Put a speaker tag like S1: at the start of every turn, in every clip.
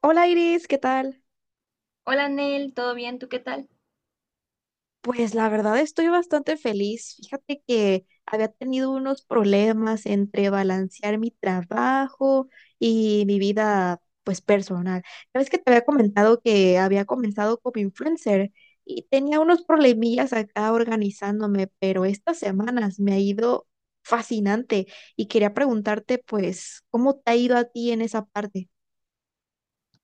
S1: Hola Iris, ¿qué tal?
S2: Hola Nel, ¿todo bien? ¿Tú qué tal?
S1: Pues la verdad estoy bastante feliz. Fíjate que había tenido unos problemas entre balancear mi trabajo y mi vida pues personal. Ya ves que te había comentado que había comenzado como influencer y tenía unos problemillas acá organizándome, pero estas semanas me ha ido fascinante y quería preguntarte pues, ¿cómo te ha ido a ti en esa parte?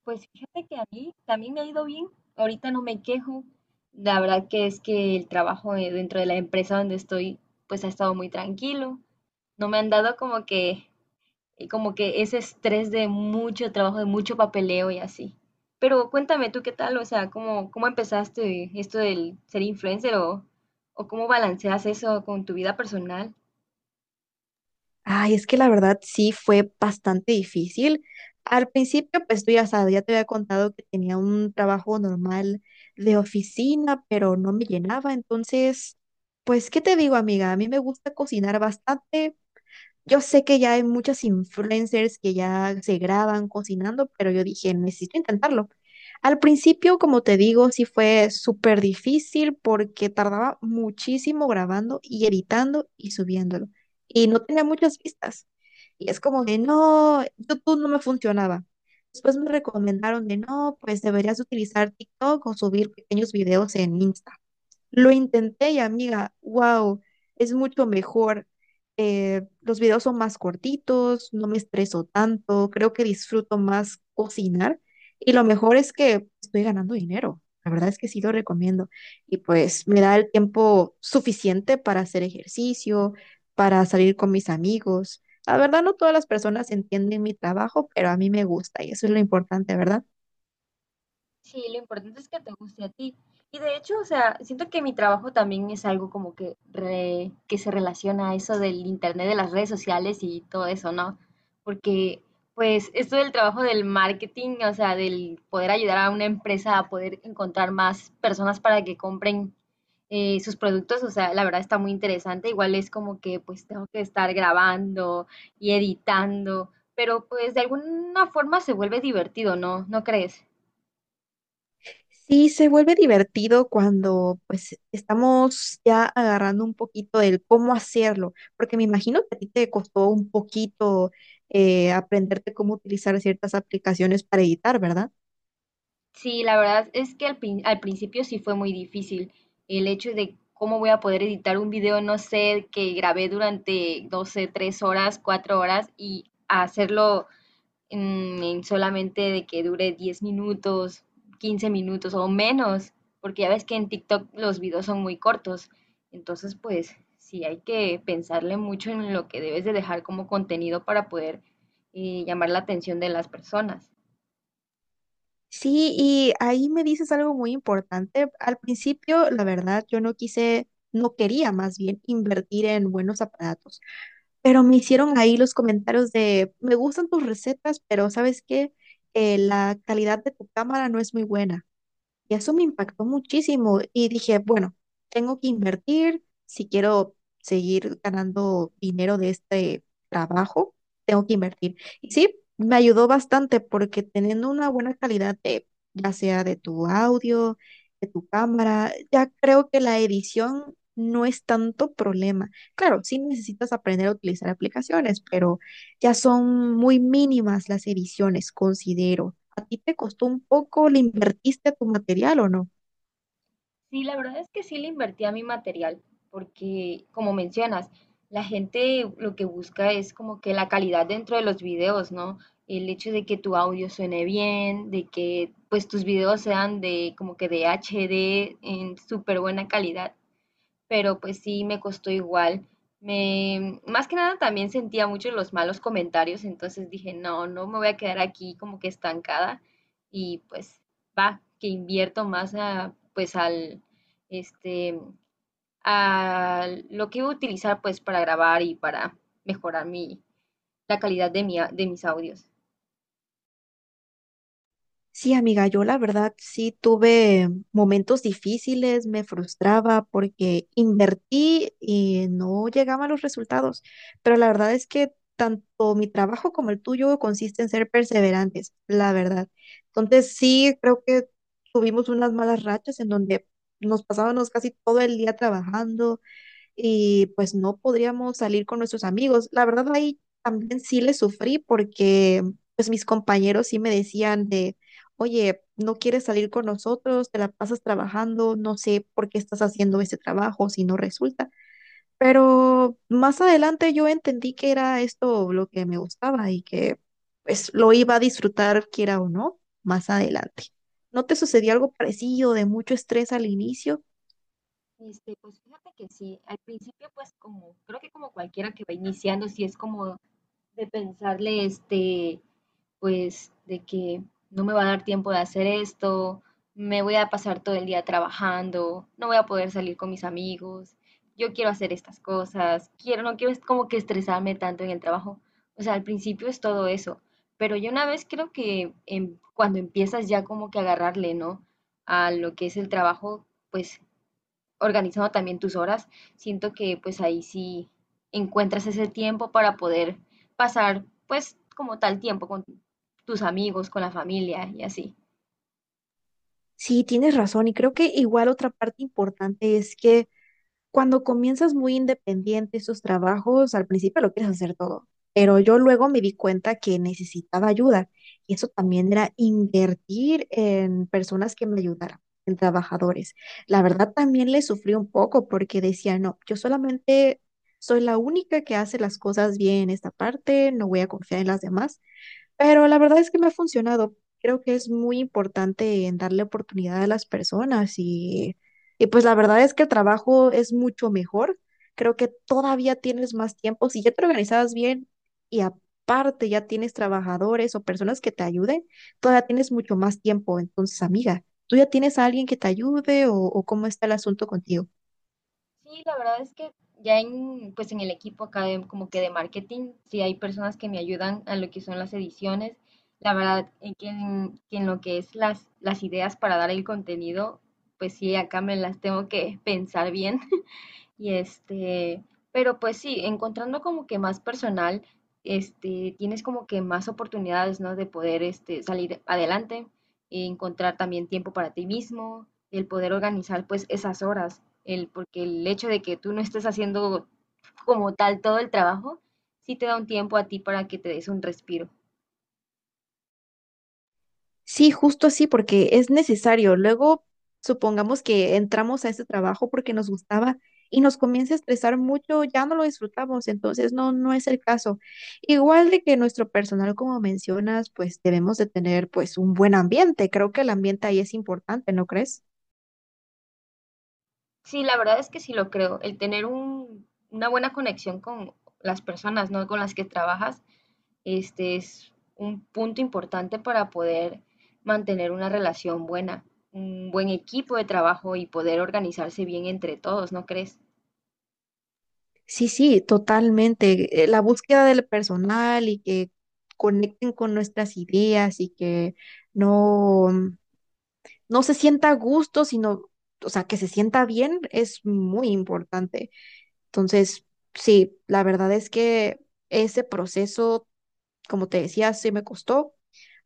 S2: Pues fíjate que a mí también me ha ido bien. Ahorita no me quejo. La verdad que es que el trabajo dentro de la empresa donde estoy, pues ha estado muy tranquilo. No me han dado como que, ese estrés de mucho trabajo, de mucho papeleo y así. Pero cuéntame tú qué tal, o sea, ¿cómo empezaste esto del ser influencer o cómo balanceas eso con tu vida personal?
S1: Ay, es que la verdad sí fue bastante difícil. Al principio, pues tú ya sabes, ya te había contado que tenía un trabajo normal de oficina, pero no me llenaba. Entonces, pues, ¿qué te digo, amiga? A mí me gusta cocinar bastante, yo sé que ya hay muchas influencers que ya se graban cocinando, pero yo dije, necesito intentarlo. Al principio, como te digo, sí fue súper difícil porque tardaba muchísimo grabando y editando y subiéndolo. Y no tenía muchas vistas. Y es como de, no, YouTube no me funcionaba. Después me recomendaron de, no, pues deberías utilizar TikTok o subir pequeños videos en Instagram. Lo intenté y amiga, wow, es mucho mejor. Los videos son más cortitos, no me estreso tanto, creo que disfruto más cocinar y lo mejor es que estoy ganando dinero. La verdad es que sí lo recomiendo y pues me da el tiempo suficiente para hacer ejercicio, para salir con mis amigos. La verdad no todas las personas entienden mi trabajo, pero a mí me gusta y eso es lo importante, ¿verdad?
S2: Sí, lo importante es que te guste a ti. Y de hecho, o sea, siento que mi trabajo también es algo como que, que se relaciona a eso del internet, de las redes sociales y todo eso, ¿no? Porque, pues, esto del trabajo del marketing, o sea, del poder ayudar a una empresa a poder encontrar más personas para que compren sus productos, o sea, la verdad está muy interesante. Igual es como que, pues, tengo que estar grabando y editando, pero pues de alguna forma se vuelve divertido, ¿no? ¿No crees?
S1: Sí, se vuelve divertido cuando pues estamos ya agarrando un poquito del cómo hacerlo, porque me imagino que a ti te costó un poquito aprenderte cómo utilizar ciertas aplicaciones para editar, ¿verdad?
S2: Sí, la verdad es que al principio sí fue muy difícil el hecho de cómo voy a poder editar un video, no sé, que grabé durante, 12, 3 horas, 4 horas y hacerlo en solamente de que dure 10 minutos, 15 minutos o menos, porque ya ves que en TikTok los videos son muy cortos. Entonces, pues sí, hay que pensarle mucho en lo que debes de dejar como contenido para poder llamar la atención de las personas.
S1: Sí, y ahí me dices algo muy importante. Al principio, la verdad, yo no quise, no quería más bien invertir en buenos aparatos, pero me hicieron ahí los comentarios de, me gustan tus recetas, pero ¿sabes qué? La calidad de tu cámara no es muy buena. Y eso me impactó muchísimo y dije, bueno, tengo que invertir si quiero seguir ganando dinero de este trabajo, tengo que invertir. Y sí, me ayudó bastante porque teniendo una buena calidad de, ya sea de tu audio, de tu cámara, ya creo que la edición no es tanto problema. Claro, sí necesitas aprender a utilizar aplicaciones, pero ya son muy mínimas las ediciones, considero. ¿A ti te costó un poco? ¿Le invertiste a tu material o no?
S2: Sí, la verdad es que sí le invertí a mi material, porque como mencionas, la gente lo que busca es como que la calidad dentro de los videos, ¿no? El hecho de que tu audio suene bien, de que pues tus videos sean de como que de HD en súper buena calidad, pero pues sí me costó igual. Más que nada también sentía mucho los malos comentarios, entonces dije, no, no me voy a quedar aquí como que estancada y pues va, que invierto más a, pues al, este, a lo que iba a utilizar pues para grabar y para mejorar mi, la calidad de, mi, de mis audios.
S1: Sí, amiga, yo la verdad sí tuve momentos difíciles, me frustraba porque invertí y no llegaban los resultados, pero la verdad es que tanto mi trabajo como el tuyo consiste en ser perseverantes, la verdad. Entonces sí, creo que tuvimos unas malas rachas en donde nos pasábamos casi todo el día trabajando y pues no podríamos salir con nuestros amigos. La verdad ahí también sí le sufrí porque pues mis compañeros sí me decían de, oye, no quieres salir con nosotros, te la pasas trabajando, no sé por qué estás haciendo ese trabajo si no resulta. Pero más adelante yo entendí que era esto lo que me gustaba y que pues lo iba a disfrutar quiera o no más adelante. ¿No te sucedió algo parecido de mucho estrés al inicio?
S2: Pues fíjate que sí, al principio pues como, creo que como cualquiera que va iniciando, sí es como de pensarle, pues de que no me va a dar tiempo de hacer esto, me voy a pasar todo el día trabajando, no voy a poder salir con mis amigos, yo quiero hacer estas cosas, quiero, no quiero es como que estresarme tanto en el trabajo. O sea, al principio es todo eso, pero yo una vez creo que cuando empiezas ya como que a agarrarle, ¿no? A lo que es el trabajo, pues organizando también tus horas, siento que pues ahí sí encuentras ese tiempo para poder pasar pues como tal tiempo con tus amigos, con la familia y así.
S1: Sí, tienes razón. Y creo que igual otra parte importante es que cuando comienzas muy independiente estos trabajos, al principio lo quieres hacer todo. Pero yo luego me di cuenta que necesitaba ayuda. Y eso también era invertir en personas que me ayudaran, en trabajadores. La verdad también le sufrí un poco porque decía, no, yo solamente soy la única que hace las cosas bien en esta parte, no voy a confiar en las demás. Pero la verdad es que me ha funcionado. Creo que es muy importante en darle oportunidad a las personas y pues la verdad es que el trabajo es mucho mejor. Creo que todavía tienes más tiempo. Si ya te organizabas bien y aparte ya tienes trabajadores o personas que te ayuden, todavía tienes mucho más tiempo. Entonces, amiga, ¿tú ya tienes a alguien que te ayude o cómo está el asunto contigo?
S2: Sí, la verdad es que ya en el equipo acá como que de marketing, sí hay personas que me ayudan a lo que son las ediciones. La verdad, en lo que es las ideas para dar el contenido, pues sí, acá me las tengo que pensar bien. Y pero pues sí, encontrando como que más personal, tienes como que más oportunidades, ¿no? De poder, salir adelante, encontrar también tiempo para ti mismo, el poder organizar pues esas horas, porque el hecho de que tú no estés haciendo como tal todo el trabajo, sí te da un tiempo a ti para que te des un respiro.
S1: Sí, justo así, porque es necesario. Luego, supongamos que entramos a ese trabajo porque nos gustaba y nos comienza a estresar mucho, ya no lo disfrutamos, entonces no, no es el caso. Igual de que nuestro personal, como mencionas, pues debemos de tener pues un buen ambiente. Creo que el ambiente ahí es importante, ¿no crees?
S2: Sí, la verdad es que sí lo creo, el tener una buena conexión con las personas, ¿no? Con las que trabajas. Este es un punto importante para poder mantener una relación buena, un buen equipo de trabajo y poder organizarse bien entre todos, ¿no crees?
S1: Sí, sí, totalmente. La búsqueda del personal y que conecten con nuestras ideas y que no. no se sienta a gusto, sino, o sea, que se sienta bien es muy importante. Entonces, sí, la verdad es que ese proceso, como te decía, sí me costó.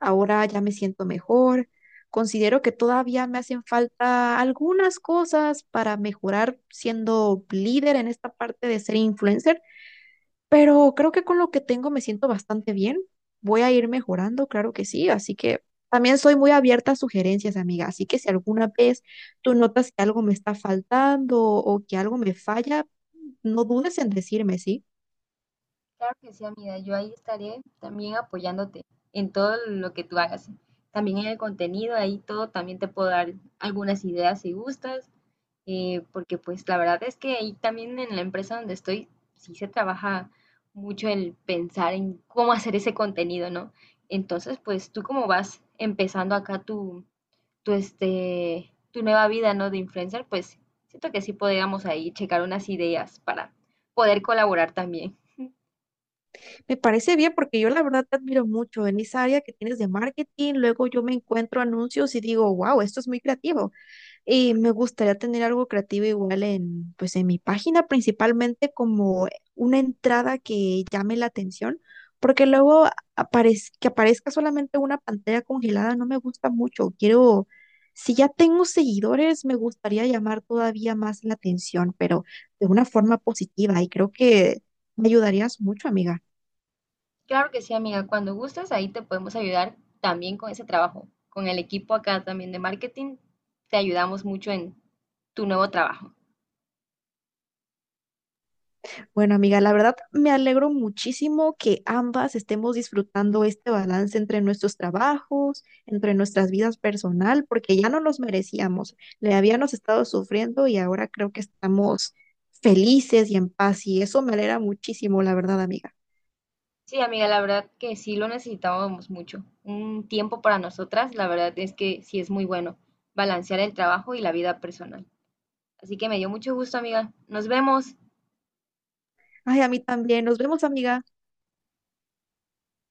S1: Ahora ya me siento mejor. Considero que todavía me hacen falta algunas cosas para mejorar siendo líder en esta parte de ser influencer, pero creo que con lo que tengo me siento bastante bien. Voy a ir mejorando, claro que sí. Así que también soy muy abierta a sugerencias, amiga. Así que si alguna vez tú notas que algo me está faltando o que algo me falla, no dudes en decirme, ¿sí?
S2: Claro que sí, amiga, yo ahí estaré también apoyándote en todo lo que tú hagas. También en el contenido, ahí todo, también te puedo dar algunas ideas si gustas, porque pues la verdad es que ahí también en la empresa donde estoy sí se trabaja mucho el pensar en cómo hacer ese contenido, ¿no? Entonces, pues tú como vas empezando acá tu, tu, tu nueva vida, ¿no? De influencer, pues siento que sí podríamos ahí checar unas ideas para poder colaborar también.
S1: Me parece bien porque yo la verdad te admiro mucho en esa área que tienes de marketing. Luego yo me encuentro anuncios y digo, wow, esto es muy creativo. Y me gustaría tener algo creativo igual en, pues en mi página, principalmente como una entrada que llame la atención, porque luego que aparezca solamente una pantalla congelada no me gusta mucho. Quiero, si ya tengo seguidores, me gustaría llamar todavía más la atención, pero de una forma positiva y creo que me ayudarías mucho, amiga.
S2: Claro que sí, amiga, cuando gustes ahí te podemos ayudar también con ese trabajo, con el equipo acá también de marketing, te ayudamos mucho en tu nuevo trabajo.
S1: Bueno, amiga, la verdad me alegro muchísimo que ambas estemos disfrutando este balance entre nuestros trabajos, entre nuestras vidas personal, porque ya no los merecíamos. Le habíamos estado sufriendo y ahora creo que estamos felices y en paz y eso me alegra muchísimo, la verdad, amiga.
S2: Sí, amiga, la verdad que sí lo necesitábamos mucho. Un tiempo para nosotras, la verdad es que sí es muy bueno balancear el trabajo y la vida personal. Así que me dio mucho gusto, amiga. Nos vemos.
S1: Ay, a mí también. Nos vemos, amiga.